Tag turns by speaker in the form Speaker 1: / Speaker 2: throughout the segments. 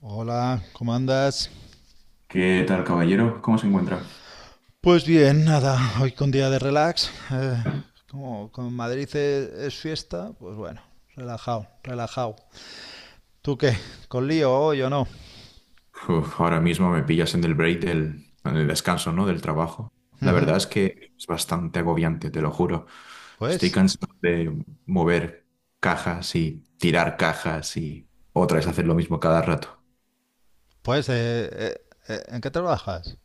Speaker 1: Hola, ¿cómo andas?
Speaker 2: ¿Qué tal, caballero? ¿Cómo se encuentra?
Speaker 1: Pues bien, nada, hoy con día de relax. Como en Madrid es fiesta, pues bueno, relajado, relajado. ¿Tú qué? ¿Con lío hoy o no?
Speaker 2: Uf, ahora mismo me pillas en el break en el descanso, ¿no? Del trabajo. La verdad es que es bastante agobiante, te lo juro. Estoy
Speaker 1: Pues,
Speaker 2: cansado de mover cajas y tirar cajas y otra vez hacer lo mismo cada rato.
Speaker 1: pues, ¿en qué trabajas?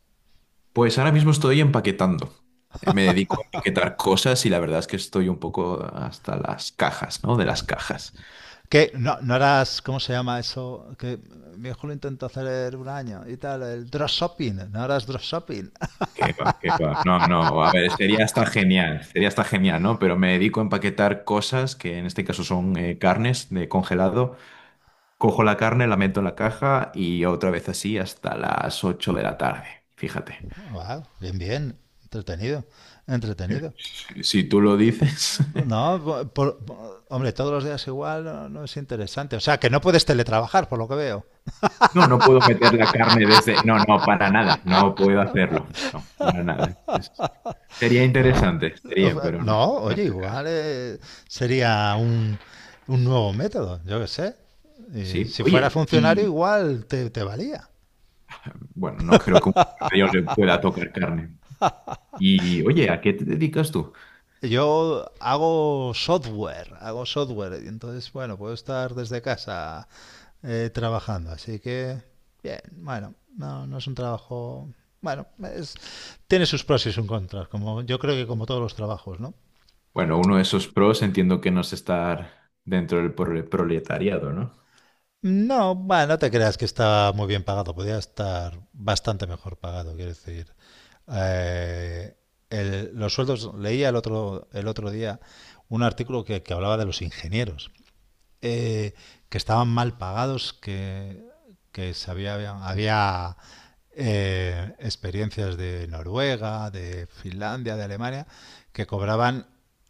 Speaker 2: Pues ahora mismo estoy empaquetando. Me dedico a empaquetar cosas y la verdad es que estoy un poco hasta las cajas, ¿no? De las cajas.
Speaker 1: Que no, no harás. ¿Cómo se llama eso? Que mi hijo lo intentó hacer un año y tal, el drop shopping, no harás drop shopping.
Speaker 2: Qué va, qué va. No, no, a ver, sería hasta genial, ¿no? Pero me dedico a empaquetar cosas que en este caso son carnes de congelado. Cojo la carne, la meto en la caja y otra vez así hasta las 8 de la tarde. Fíjate.
Speaker 1: Wow, bien, bien, entretenido, entretenido.
Speaker 2: Si tú lo dices.
Speaker 1: No, hombre, todos los días igual no, no es interesante. O sea, que no puedes teletrabajar, por lo que veo.
Speaker 2: No, no puedo meter la carne desde. No, no, para nada. No puedo hacerlo. No, para nada. Sería interesante, pero no,
Speaker 1: No,
Speaker 2: no es
Speaker 1: oye,
Speaker 2: el caso.
Speaker 1: igual sería un nuevo método, yo qué sé. Y
Speaker 2: Sí.
Speaker 1: si fuera
Speaker 2: Oye,
Speaker 1: funcionario,
Speaker 2: y
Speaker 1: igual te valía.
Speaker 2: bueno, no creo que un mayor le pueda tocar carne. Y oye, ¿a qué te dedicas tú?
Speaker 1: Yo hago software, y entonces, bueno, puedo estar desde casa trabajando, así que, bien, bueno, no, no es un trabajo, bueno, es- tiene sus pros y sus contras, como yo creo que como todos los trabajos, ¿no?
Speaker 2: Bueno, uno de esos pros entiendo que no es estar dentro del proletariado, ¿no?
Speaker 1: No, bueno, no te creas que está muy bien pagado, podría estar bastante mejor pagado, quiero decir. Eh, los sueldos, leía el otro día un artículo que hablaba de los ingenieros eh, que estaban mal pagados, que se había experiencias de Noruega, de Finlandia, de Alemania, que cobraban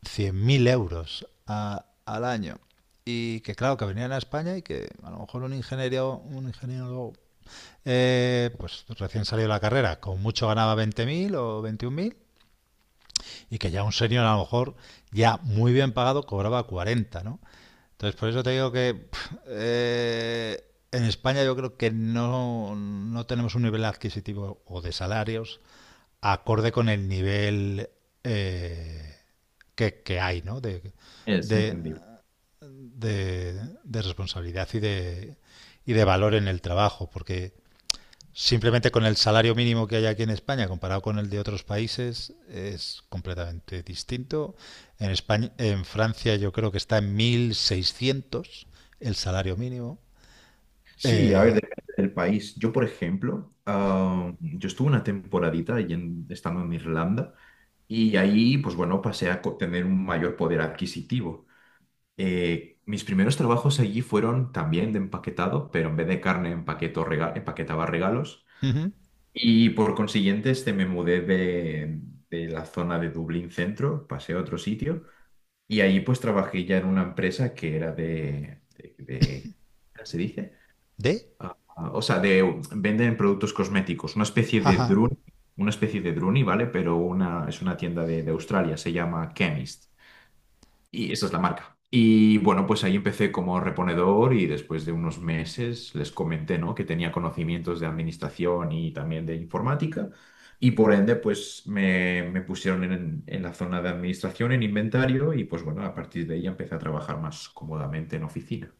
Speaker 1: 100.000 euros al año. Y que claro, que venían a España y que a lo mejor un ingeniero pues recién salido de la carrera, con mucho ganaba 20.000 o 21.000 y que ya un senior a lo mejor ya muy bien pagado cobraba 40, ¿no? Entonces por eso te digo que pff, en España yo creo que no, no tenemos un nivel adquisitivo o de salarios acorde con el nivel eh, que hay, ¿no?
Speaker 2: Es
Speaker 1: De,
Speaker 2: entendible.
Speaker 1: de, de responsabilidad y y de valor en el trabajo, porque simplemente con el salario mínimo que hay aquí en España comparado con el de otros países es completamente distinto. En España, en Francia yo creo que está en 1.600 el salario mínimo.
Speaker 2: Sí, a ver,
Speaker 1: Eh,
Speaker 2: depende del país. Yo, por ejemplo, yo estuve una temporadita ahí estando en Irlanda y ahí, pues bueno, pasé a tener un mayor poder adquisitivo. Mis primeros trabajos allí fueron también de empaquetado, pero en vez de carne empaquetaba regalos.
Speaker 1: ujú,
Speaker 2: Y por consiguiente, me mudé de la zona de Dublín Centro, pasé a otro sitio y ahí pues trabajé ya en una empresa que era de ¿cómo se dice?
Speaker 1: ¿De?
Speaker 2: Ah, ah, o sea, venden productos cosméticos, una especie de
Speaker 1: Jaja.
Speaker 2: Druni, una especie de Druni, ¿vale? Pero es una tienda de Australia, se llama Chemist. Y esa es la marca. Y bueno, pues ahí empecé como reponedor y después de unos meses les comenté, ¿no? que tenía conocimientos de administración y también de informática. Y por ende, pues me pusieron en la zona de administración, en inventario, y pues bueno, a partir de ahí empecé a trabajar más cómodamente en oficina.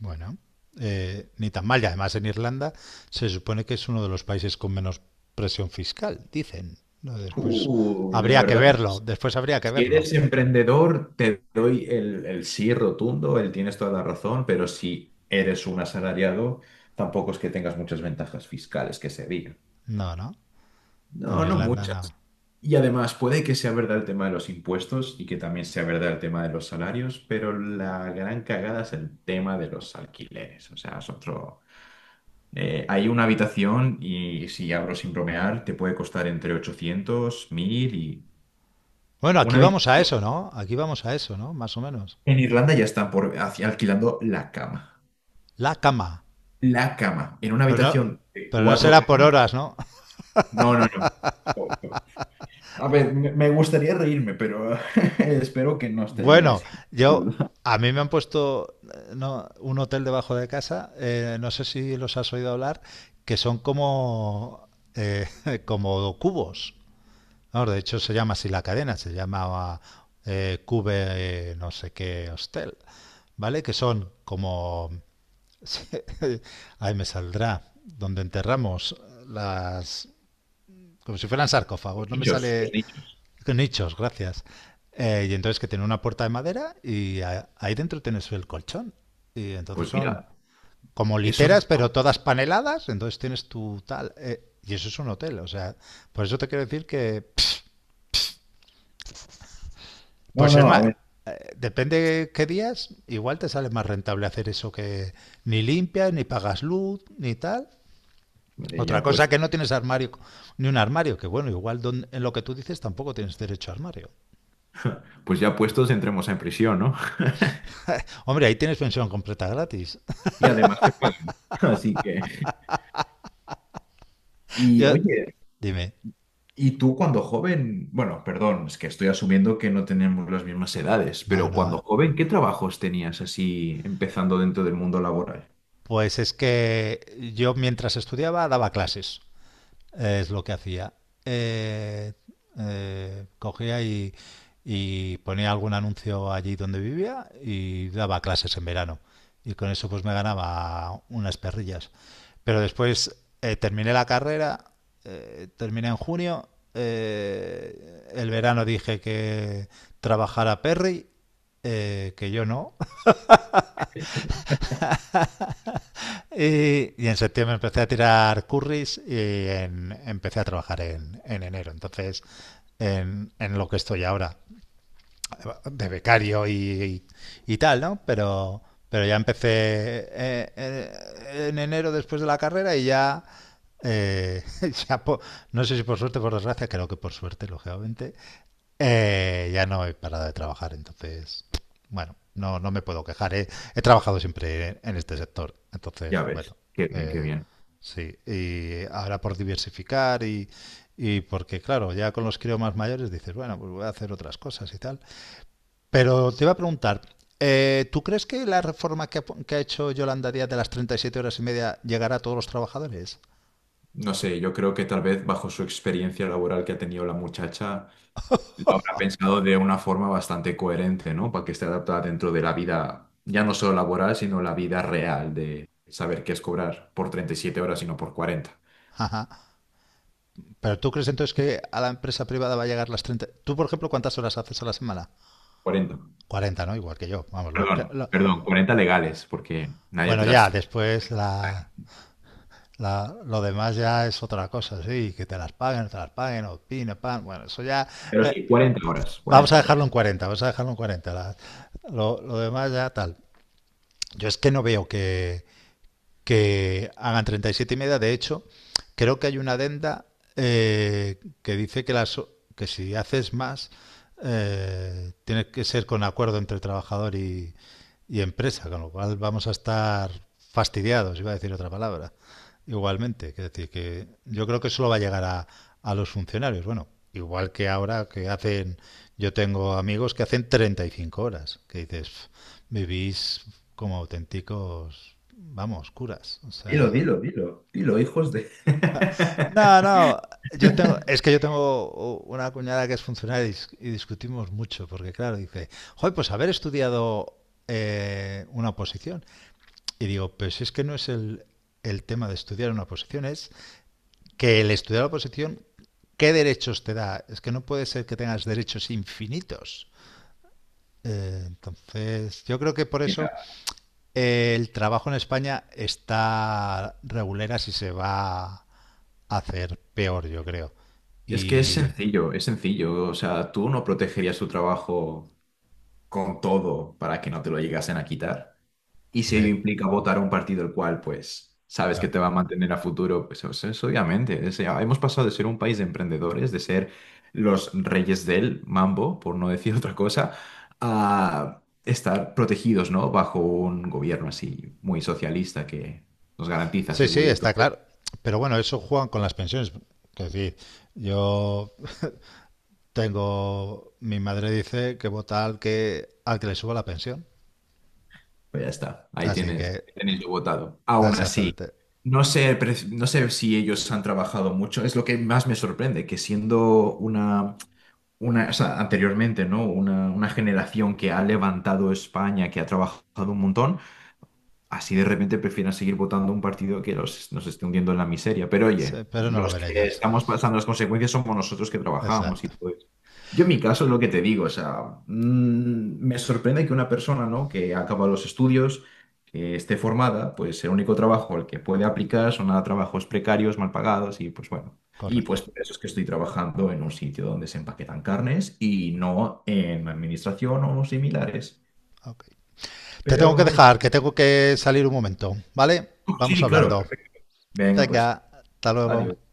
Speaker 1: Bueno, ni tan mal. Y además en Irlanda se supone que es uno de los países con menos presión fiscal, dicen. No, después
Speaker 2: La
Speaker 1: habría que
Speaker 2: verdad.
Speaker 1: verlo, después habría que
Speaker 2: Si
Speaker 1: verlo.
Speaker 2: eres emprendedor, te doy el sí rotundo, el tienes toda la razón, pero si eres un asalariado, tampoco es que tengas muchas ventajas fiscales que se digan.
Speaker 1: No, no, en
Speaker 2: No, no
Speaker 1: Irlanda
Speaker 2: muchas.
Speaker 1: no.
Speaker 2: Y además, puede que sea verdad el tema de los impuestos y que también sea verdad el tema de los salarios, pero la gran cagada es el tema de los alquileres. O sea, es otro... hay una habitación y si abro sin bromear, te puede costar entre 800, 1000 y...
Speaker 1: Bueno, aquí
Speaker 2: Una
Speaker 1: vamos a eso, ¿no? Aquí vamos a eso, ¿no? Más o menos.
Speaker 2: En Irlanda ya están alquilando la cama.
Speaker 1: La cama.
Speaker 2: La cama. En una
Speaker 1: Pero no,
Speaker 2: habitación de
Speaker 1: pero no
Speaker 2: cuatro
Speaker 1: será por
Speaker 2: camas.
Speaker 1: horas, ¿no?
Speaker 2: No, no, no. A ver, me gustaría reírme, pero espero que no esté
Speaker 1: Bueno,
Speaker 2: así, la
Speaker 1: yo.
Speaker 2: verdad.
Speaker 1: A mí me han puesto no, un hotel debajo de casa, no sé si los has oído hablar, que son como, como cubos. Vamos, de hecho, se llama así la cadena, se llamaba Cube no sé qué hostel, ¿vale? Que son como... Ahí me saldrá, donde enterramos las, como si fueran
Speaker 2: Los
Speaker 1: sarcófagos, no me
Speaker 2: nichos, los
Speaker 1: sale
Speaker 2: nichos.
Speaker 1: nichos, gracias. Y entonces que tiene una puerta de madera y ahí dentro tienes el colchón. Y entonces
Speaker 2: Pues
Speaker 1: son
Speaker 2: mira,
Speaker 1: como
Speaker 2: eso.
Speaker 1: literas, pero todas paneladas, entonces tienes tu tal. Y eso es un hotel, o sea, por eso te quiero decir que,
Speaker 2: No,
Speaker 1: pues es
Speaker 2: no, a
Speaker 1: más,
Speaker 2: ver.
Speaker 1: depende qué días, igual te sale más rentable hacer eso que ni limpias, ni pagas luz, ni tal.
Speaker 2: Vale,
Speaker 1: Otra
Speaker 2: ya
Speaker 1: cosa
Speaker 2: puestos.
Speaker 1: que no tienes armario, ni un armario, que bueno, igual en lo que tú dices tampoco tienes derecho a armario.
Speaker 2: Pues ya puestos, entremos en prisión, ¿no?
Speaker 1: Hombre, ahí tienes pensión completa gratis.
Speaker 2: Y además te pagan. Así que. Y
Speaker 1: Yo-
Speaker 2: oye.
Speaker 1: dime.
Speaker 2: Y tú cuando joven, bueno, perdón, es que estoy asumiendo que no tenemos las mismas edades,
Speaker 1: No,
Speaker 2: pero cuando
Speaker 1: no.
Speaker 2: joven, ¿qué trabajos tenías así empezando dentro del mundo laboral?
Speaker 1: Pues es que yo mientras estudiaba daba clases. Es lo que hacía. Eh, cogía y ponía algún anuncio allí donde vivía y daba clases en verano. Y con eso pues me ganaba unas perrillas. Pero después terminé la carrera, terminé en junio, el verano dije que trabajara Perry, que yo no, Y en septiembre empecé a tirar curries y empecé a trabajar en enero. Entonces, en lo que estoy ahora de becario y tal, ¿no? Pero, ya empecé en enero después de la carrera y ya, eh, ya no sé si por suerte o por desgracia, creo que por suerte, lógicamente, ya no he parado de trabajar, entonces, bueno, no, no me puedo quejar. ¿Eh? He trabajado siempre en este sector,
Speaker 2: Ya
Speaker 1: entonces, bueno,
Speaker 2: ves, qué bien, qué
Speaker 1: eh,
Speaker 2: bien.
Speaker 1: sí. Y ahora por diversificar y porque, claro, ya con los críos más mayores dices, bueno, pues voy a hacer otras cosas y tal. Pero te iba a preguntar, ¿tú crees que la reforma que ha hecho Yolanda Díaz de las 37 horas y media llegará a todos los trabajadores?
Speaker 2: No sé, yo creo que tal vez bajo su experiencia laboral que ha tenido la muchacha, lo habrá pensado de una forma bastante coherente, ¿no? Para que esté adaptada dentro de la vida, ya no solo laboral, sino la vida real de saber qué es cobrar por 37 horas y no por 40,
Speaker 1: Ajá. Pero tú crees entonces que a la empresa privada va a llegar las 30. Tú, por ejemplo, ¿cuántas horas haces a la semana?
Speaker 2: 40.
Speaker 1: 40, ¿no? Igual que yo. Vamos, lo que...
Speaker 2: Perdón, perdón, 40 legales, porque nadie
Speaker 1: Bueno,
Speaker 2: te
Speaker 1: ya,
Speaker 2: las...
Speaker 1: después lo demás ya es otra cosa, sí, que te las paguen, o pin, pan, bueno, eso ya...
Speaker 2: Pero
Speaker 1: eh,
Speaker 2: sí, 40 horas,
Speaker 1: vamos
Speaker 2: 40
Speaker 1: a dejarlo
Speaker 2: horas.
Speaker 1: en 40, vamos a dejarlo en 40. Lo demás ya tal. Yo es que no veo que hagan 37 y siete y media. De hecho, creo que hay una adenda que dice que, que si haces más, tiene que ser con acuerdo entre trabajador y empresa, con lo cual vamos a estar fastidiados, iba a decir otra palabra, igualmente. Es decir, que yo creo que solo va a llegar a los funcionarios. Bueno, igual que ahora que hacen, yo tengo amigos que hacen 35 horas, que dices, vivís como auténticos, vamos, curas. O sea.
Speaker 2: Dilo, dilo, dilo, dilo, hijos de...
Speaker 1: No, no. Es que yo tengo una cuñada que es funcionaria y discutimos mucho, porque claro, dice, joder, pues haber estudiado una oposición. Y digo, pues es que no es el tema de estudiar una oposición, es que el estudiar la oposición, ¿qué derechos te da? Es que no puede ser que tengas derechos infinitos. Entonces, yo creo que por
Speaker 2: Mira,
Speaker 1: eso el trabajo en España está regulera si se va a hacer peor, yo creo.
Speaker 2: es que es
Speaker 1: Y,
Speaker 2: sencillo, es sencillo. O sea, tú no protegerías tu trabajo con todo para que no te lo llegasen a quitar. Y si ello
Speaker 1: hombre,
Speaker 2: implica votar a un partido el cual, pues, sabes que
Speaker 1: claro.
Speaker 2: te va a mantener a futuro, pues o sea, es obviamente. Ya hemos pasado de ser un país de emprendedores, de ser los reyes del mambo, por no decir otra cosa, a estar protegidos, ¿no? Bajo un gobierno así muy socialista que nos garantiza
Speaker 1: Sí, sí,
Speaker 2: seguridad.
Speaker 1: está claro. Pero bueno, eso juegan con las pensiones. Es decir, yo mi madre dice que vota al que le suba la pensión.
Speaker 2: Pues ya está, ahí
Speaker 1: Así
Speaker 2: tienes,
Speaker 1: que,
Speaker 2: ahí tenéis lo votado. Aún así.
Speaker 1: exactamente.
Speaker 2: No sé, no sé si ellos han trabajado mucho. Es lo que más me sorprende, que siendo una, o sea, anteriormente, ¿no? Una generación que ha levantado España, que ha trabajado un montón. Así de repente prefieren seguir votando un partido que nos esté hundiendo en la miseria. Pero
Speaker 1: Sí,
Speaker 2: oye,
Speaker 1: pero no lo
Speaker 2: los
Speaker 1: ven
Speaker 2: que
Speaker 1: ellos.
Speaker 2: estamos pasando las consecuencias somos nosotros que trabajamos y
Speaker 1: Exacto,
Speaker 2: todo eso. Yo en mi caso es lo que te digo, o sea, me sorprende que una persona, ¿no? que ha acabado los estudios, que esté formada, pues el único trabajo al que puede aplicar son a trabajos precarios, mal pagados y pues bueno. Y pues
Speaker 1: correcto.
Speaker 2: por eso es que estoy trabajando en un sitio donde se empaquetan carnes y no en administración o similares.
Speaker 1: Ok. Te tengo que
Speaker 2: Pero
Speaker 1: dejar, que tengo que salir un momento, ¿vale? Vamos
Speaker 2: sí, claro.
Speaker 1: hablando.
Speaker 2: Venga, pues.
Speaker 1: Venga, hasta luego.
Speaker 2: Adiós.